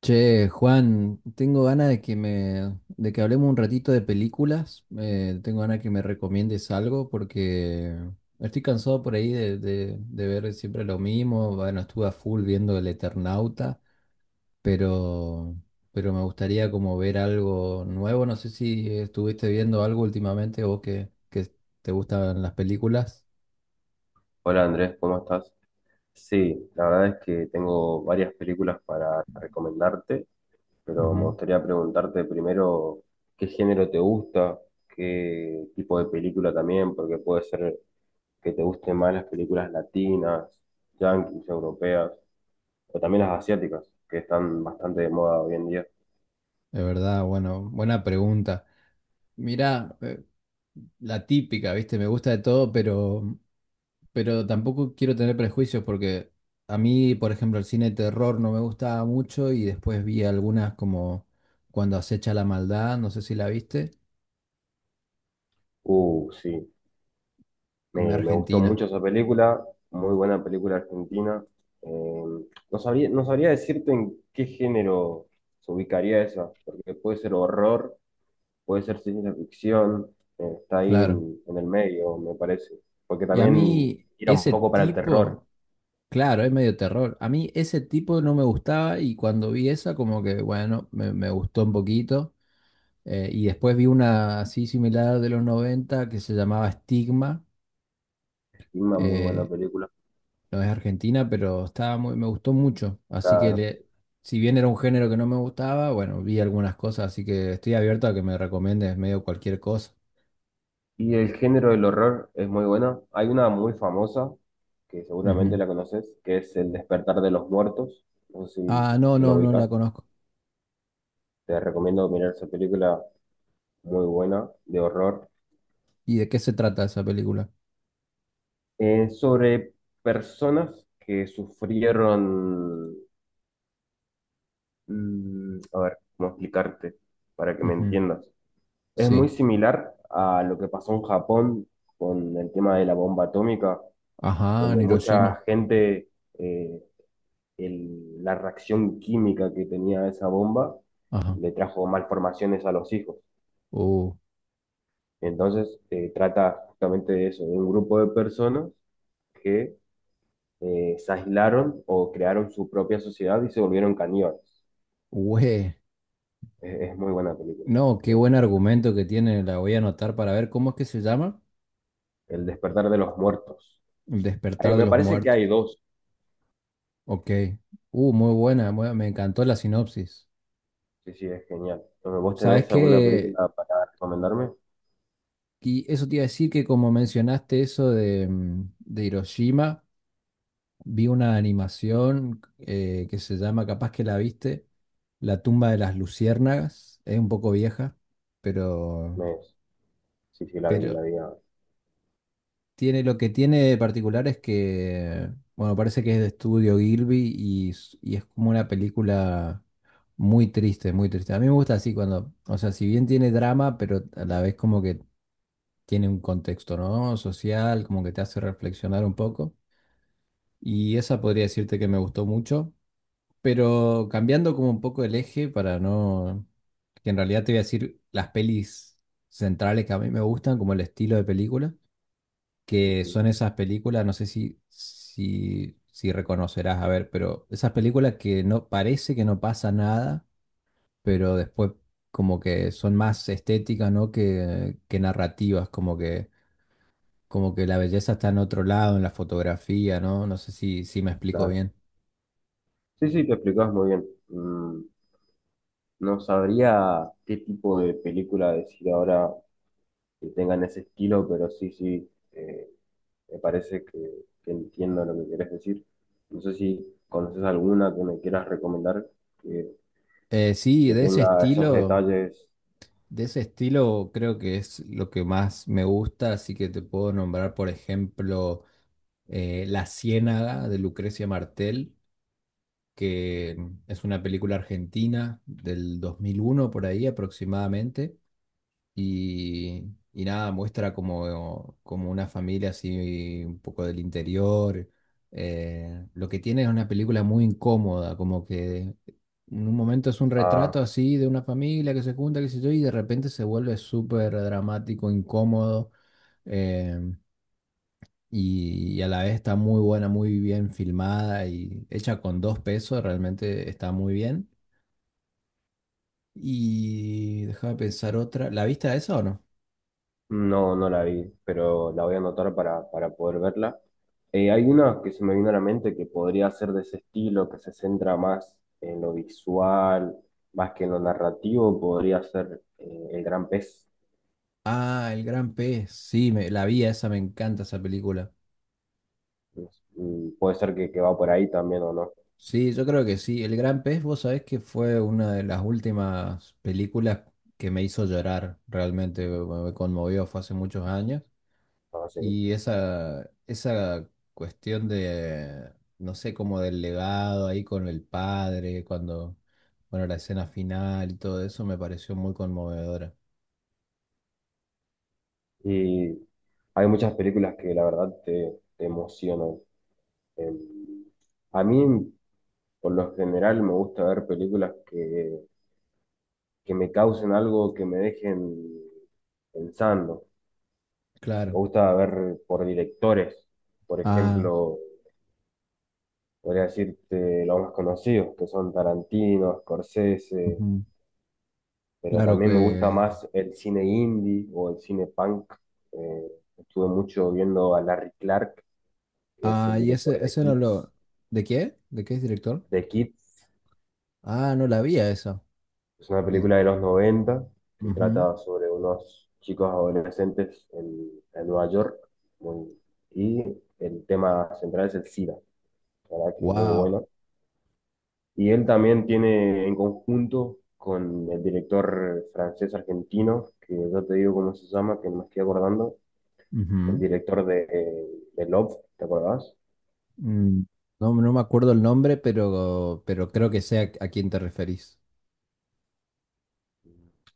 Che, Juan, tengo ganas de que hablemos un ratito de películas. Tengo ganas de que me recomiendes algo porque estoy cansado por ahí de ver siempre lo mismo. Bueno, estuve a full viendo El Eternauta, pero, pero me gustaría como ver algo nuevo. No sé si estuviste viendo algo últimamente o que te gustan las películas. Hola Andrés, ¿cómo estás? Sí, la verdad es que tengo varias películas para recomendarte, pero me Ujú. gustaría preguntarte primero qué género te gusta, qué tipo de película también, porque puede ser que te gusten más las películas latinas, yanquis, europeas, o también las asiáticas, que están bastante de moda hoy en día. De verdad, bueno, buena pregunta. Mirá, la típica, ¿viste? Me gusta de todo, pero tampoco quiero tener prejuicios porque a mí, por ejemplo, el cine de terror no me gustaba mucho y después vi algunas como Cuando acecha la maldad, no sé si la viste, Sí. una Me gustó argentina, mucho esa película, muy buena película argentina. Eh, no sabría decirte en qué género se ubicaría esa, porque puede ser horror, puede ser ciencia ficción, está ahí claro. En el medio, me parece. Porque Y a también mí tira un ese poco para el terror, tipo, claro, es medio terror, a mí ese tipo no me gustaba y cuando vi esa como que, bueno, me gustó un poquito. Y después vi una así similar de los 90 que se llamaba Estigma. y una muy buena eh, película, no es argentina, pero estaba muy, me gustó mucho. Claro. Si bien era un género que no me gustaba, bueno, vi algunas cosas, así que estoy abierto a que me recomiendes medio cualquier cosa. Y el género del horror es muy buena. Hay una muy famosa, que seguramente Ujú. la conoces, que es El despertar de los muertos. No sé si, Ah, no, si lo no, no la ubicas. conozco. Te recomiendo mirar esa película muy buena de horror. ¿Y de qué se trata esa película? Sobre personas que sufrieron... a ver, cómo explicarte para que me Ujú. entiendas. Es muy Sí. similar a lo que pasó en Japón con el tema de la bomba atómica, Ajá, en donde Hiroshima. mucha gente, eh, la reacción química que tenía esa bomba Ajá. le trajo malformaciones a los hijos. Uh, Entonces, trata justamente de eso, de un grupo de personas que se aislaron o crearon su propia sociedad y se volvieron caníbales. güey. Es muy buena película. No, qué buen La recomiendo. argumento que tiene. La voy a anotar para ver cómo es que se llama. El despertar de los muertos. El Ay, despertar de me los parece que hay muertos. dos. Ok. Muy buena, me encantó la sinopsis. Sí, sí, es genial. Entonces, ¿vos ¿Sabes tenés alguna qué? película para recomendarme? Y eso te iba a decir que como mencionaste eso de, de Hiroshima, vi una animación que se llama, capaz que la viste, La tumba de las luciérnagas. Es un poco vieja, pero, Me, sí, sí, la vi, la pero vi. Ah, Tiene, lo que tiene de particular es que, bueno, parece que es de estudio Gilby y es como una película muy triste, muy triste. A mí me gusta así cuando, o sea, si bien tiene drama, pero a la vez como que tiene un contexto, ¿no? Social, como que te hace reflexionar un poco. Y esa podría decirte que me gustó mucho, pero cambiando como un poco el eje para no, que en realidad te voy a decir las pelis centrales que a mí me gustan, como el estilo de película que ujú, son esas películas, no sé si reconocerás, a ver, pero esas películas que no parece que no pasa nada, pero después como que son más estéticas, ¿no? Que narrativas, como que la belleza está en otro lado, en la fotografía, ¿no? No sé si me explico claro. bien. Sí, sí, te explicabas muy bien. No sabría qué tipo de película decir ahora que tengan ese estilo, pero sí, sí. Me parece que entiendo lo que querés decir. No sé si conoces alguna que me quieras recomendar que, Sí, que tenga esos detalles. de ese estilo creo que es lo que más me gusta, así que te puedo nombrar, por ejemplo, La Ciénaga de Lucrecia Martel que es una película argentina del 2001 por ahí aproximadamente. Y, y nada, muestra como una familia así un poco del interior. Lo que tiene es una película muy incómoda, como que en un momento es un retrato Ah, así de una familia que se junta, qué sé yo, y de repente se vuelve súper dramático, incómodo. Em, y a la vez está muy buena, muy bien filmada y hecha con dos pesos, realmente está muy bien. Y déjame pensar otra. ¿La viste a esa o no? no, no la vi, pero la voy a anotar para poder verla. Hay una que se me vino a la mente que podría ser de ese estilo, que se centra más en lo visual, más que en lo narrativo, podría ser El Gran Pez. Ah, El Gran Pez. Sí, la vi a esa, me encanta esa película. Puede ser que va por ahí también o no. Sí, yo creo que sí. El Gran Pez, vos sabés que fue una de las últimas películas que me hizo llorar realmente, me conmovió, fue hace muchos años. No sé, Y esa cuestión de, no sé, como del legado ahí con el padre, cuando, bueno, la escena final y todo eso me pareció muy conmovedora. y hay muchas películas que la verdad te, te emocionan. Em, a mí, por lo general, me gusta ver películas que me causen algo, que me dejen pensando. Me Claro. gusta ver por directores, por Ah, ejemplo, podría decirte los más conocidos, que son Tarantino, Scorsese, ujú. pero Claro también me gusta que... más el cine indie o el cine punk. Eh, estuve mucho viendo a Larry Clark, que es Ah, el y director ese, de ese no Kids. lo... ¿De qué? ¿De qué es director? The Kids Ah, no la vi a esa. es una película de los 90 que trata sobre unos chicos adolescentes en Nueva York muy- y el tema central es el SIDA, la verdad que es muy Wow. bueno. Y él también tiene en conjunto con el director francés-argentino, que yo te digo cómo se llama, que no me estoy acordando, el director de Love, ¿te acordás? No, no me acuerdo el nombre, pero creo que sé a quién te referís.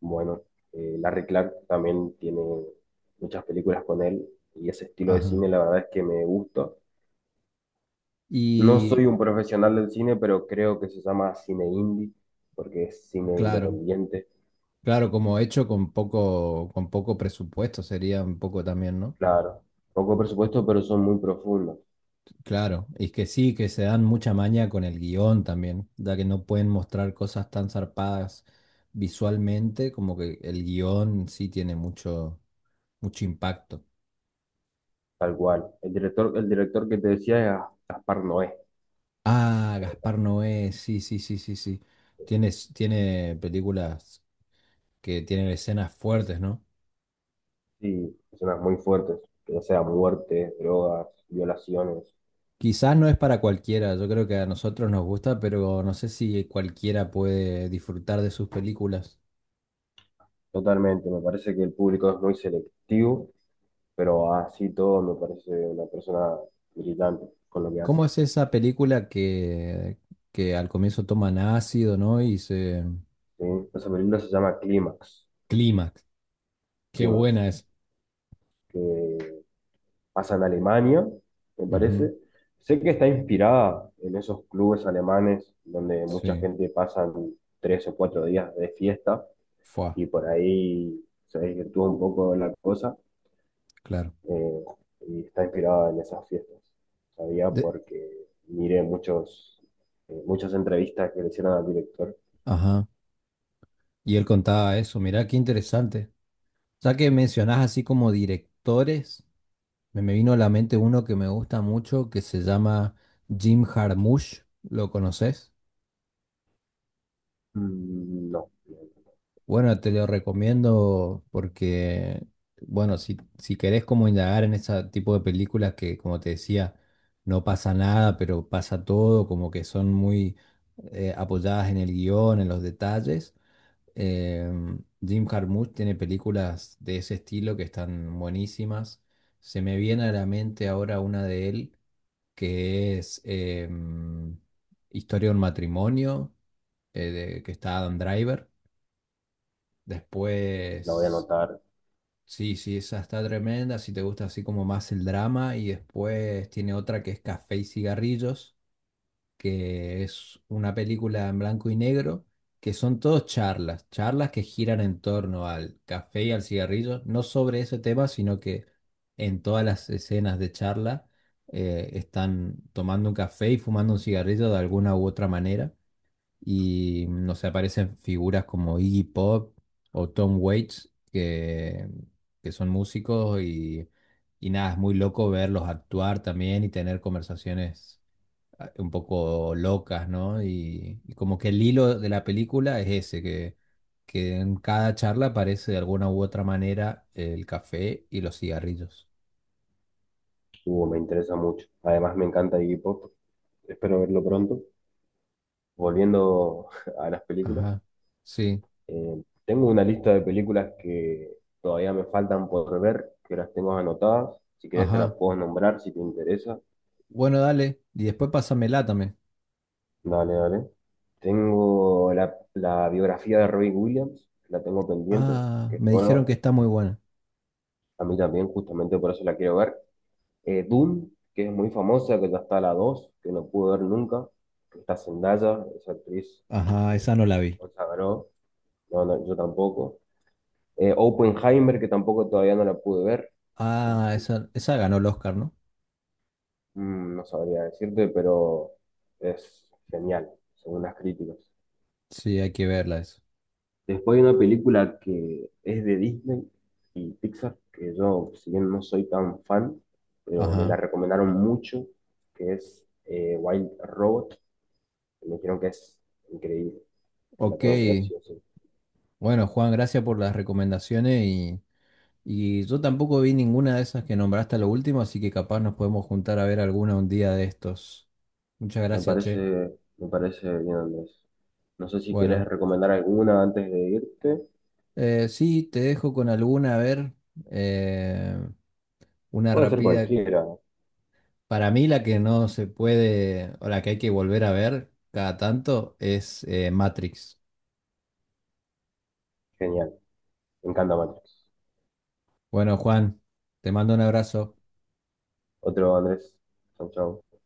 Bueno, Larry Clark también tiene muchas películas con él y ese estilo de cine Ajá. la verdad es que me gusta. No soy Y un profesional del cine, pero creo que se llama cine indie porque es cine claro. independiente. Claro, como hecho con poco presupuesto sería un poco también, ¿no? Claro, poco presupuesto, pero son muy profundos, Claro, y que sí, que se dan mucha maña con el guión también, ya que no pueden mostrar cosas tan zarpadas visualmente, como que el guión sí tiene mucho, mucho impacto. tal cual. El director que te decía es Gaspar Noé. Ah, Gaspar Noé, sí, sí, sí, sí, sí. Tiene, tiene películas que tienen escenas fuertes, ¿no? Sí, escenas muy fuertes, ya sea muerte, drogas, violaciones. Quizás no es para cualquiera, yo creo que a nosotros nos gusta, pero no sé si cualquiera puede disfrutar de sus películas. Totalmente, me parece que el público es muy selectivo pero así todo me parece una persona brillante con lo que hace. ¿Cómo es esa película que al comienzo toman ácido, ¿no? Y se... ¿Sí? O sea, se llama Clímax, Clímax. Qué Clímax, buena es. que pasa en Alemania, me Ujú. parece. Sé que está inspirada en esos clubes alemanes donde mucha Sí. gente pasa tres o cuatro días de fiesta Fue, y por ahí se desvirtúa un poco la cosa claro. eh, y está inspirada en esas fiestas. Sabía De- porque miré muchos, muchas entrevistas que le hicieron al director. Ajá. Y él contaba eso. Mirá, qué interesante. Ya que mencionás así como directores, me vino a la mente uno que me gusta mucho que se llama Jim Jarmusch. ¿Lo conoces? No, Bueno, te lo recomiendo porque, bueno, si querés como indagar en ese tipo de películas que, como te decía, no pasa nada, pero pasa todo, como que son muy apoyadas en el guión, en los detalles. eh, Jim Jarmusch tiene películas de ese estilo que están buenísimas. Se me viene a la mente ahora una de él que es Historia de un matrimonio, que está Adam Driver. la voy a Después anotar. sí, sí, esa está tremenda, si te gusta así como más el drama y después tiene otra que es Café y Cigarrillos, que es una película en blanco y negro, que son todos charlas, charlas que giran en torno al café y al cigarrillo, no sobre ese tema, sino que en todas las escenas de charla están tomando un café y fumando un cigarrillo de alguna u otra manera. Y no sé, aparecen figuras como Iggy Pop o Tom Waits, que son músicos y nada, es muy loco verlos actuar también y tener conversaciones un poco locas, ¿no? Y como que el hilo de la película es ese, que en cada charla aparece de alguna u otra manera el café y los cigarrillos. Hugo, me interesa mucho. Además, me encanta Iggy Pop. Espero verlo pronto. Volviendo a las películas, Ajá, sí, tengo una lista de películas que todavía me faltan por ver, que las tengo anotadas. Si querés, te las ajá. puedo nombrar si te interesa. Bueno, dale, y después pásamela también. Dale, dale. Tengo la, la biografía de Robbie Williams, que la tengo pendiente, Ah, que es me dijeron nueva. que está muy buena. A mí también, justamente por eso la quiero ver. Dune, que es muy famosa, que ya está la 2, que no pude ver nunca. Que está Zendaya, esa actriz Ajá, eh, esa no la vi. consagró, no, no, yo tampoco. Oppenheimer, que tampoco todavía no la pude ver. No Ah, sé si- esa ganó el Oscar, ¿no? No sabría decirte, pero es genial, según las críticas. Sí, hay que verla eso. Después hay una película que es de Disney y Pixar, que yo, si bien no soy tan fan, pero me Ajá. la recomendaron mucho, que es Wild Robot. Me dijeron que es increíble, que la Ok. tengo que ver sí o sí. Bueno, Juan, gracias por las recomendaciones y yo tampoco vi ninguna de esas que nombraste a lo último, así que capaz nos podemos juntar a ver alguna un día de estos. Muchas Me gracias, parece, che. me parece bien, Andrés. No sé si querés Bueno, recomendar alguna antes de irte. Sí, te dejo con alguna, a ver, eh, una Puede ser rápida. cualquiera. Para mí la que no se puede, o la que hay que volver a ver cada tanto es Matrix. Genial. Me encanta Matrix. Bueno, Juan, te mando un abrazo. Otro, Andrés. Chau, chau.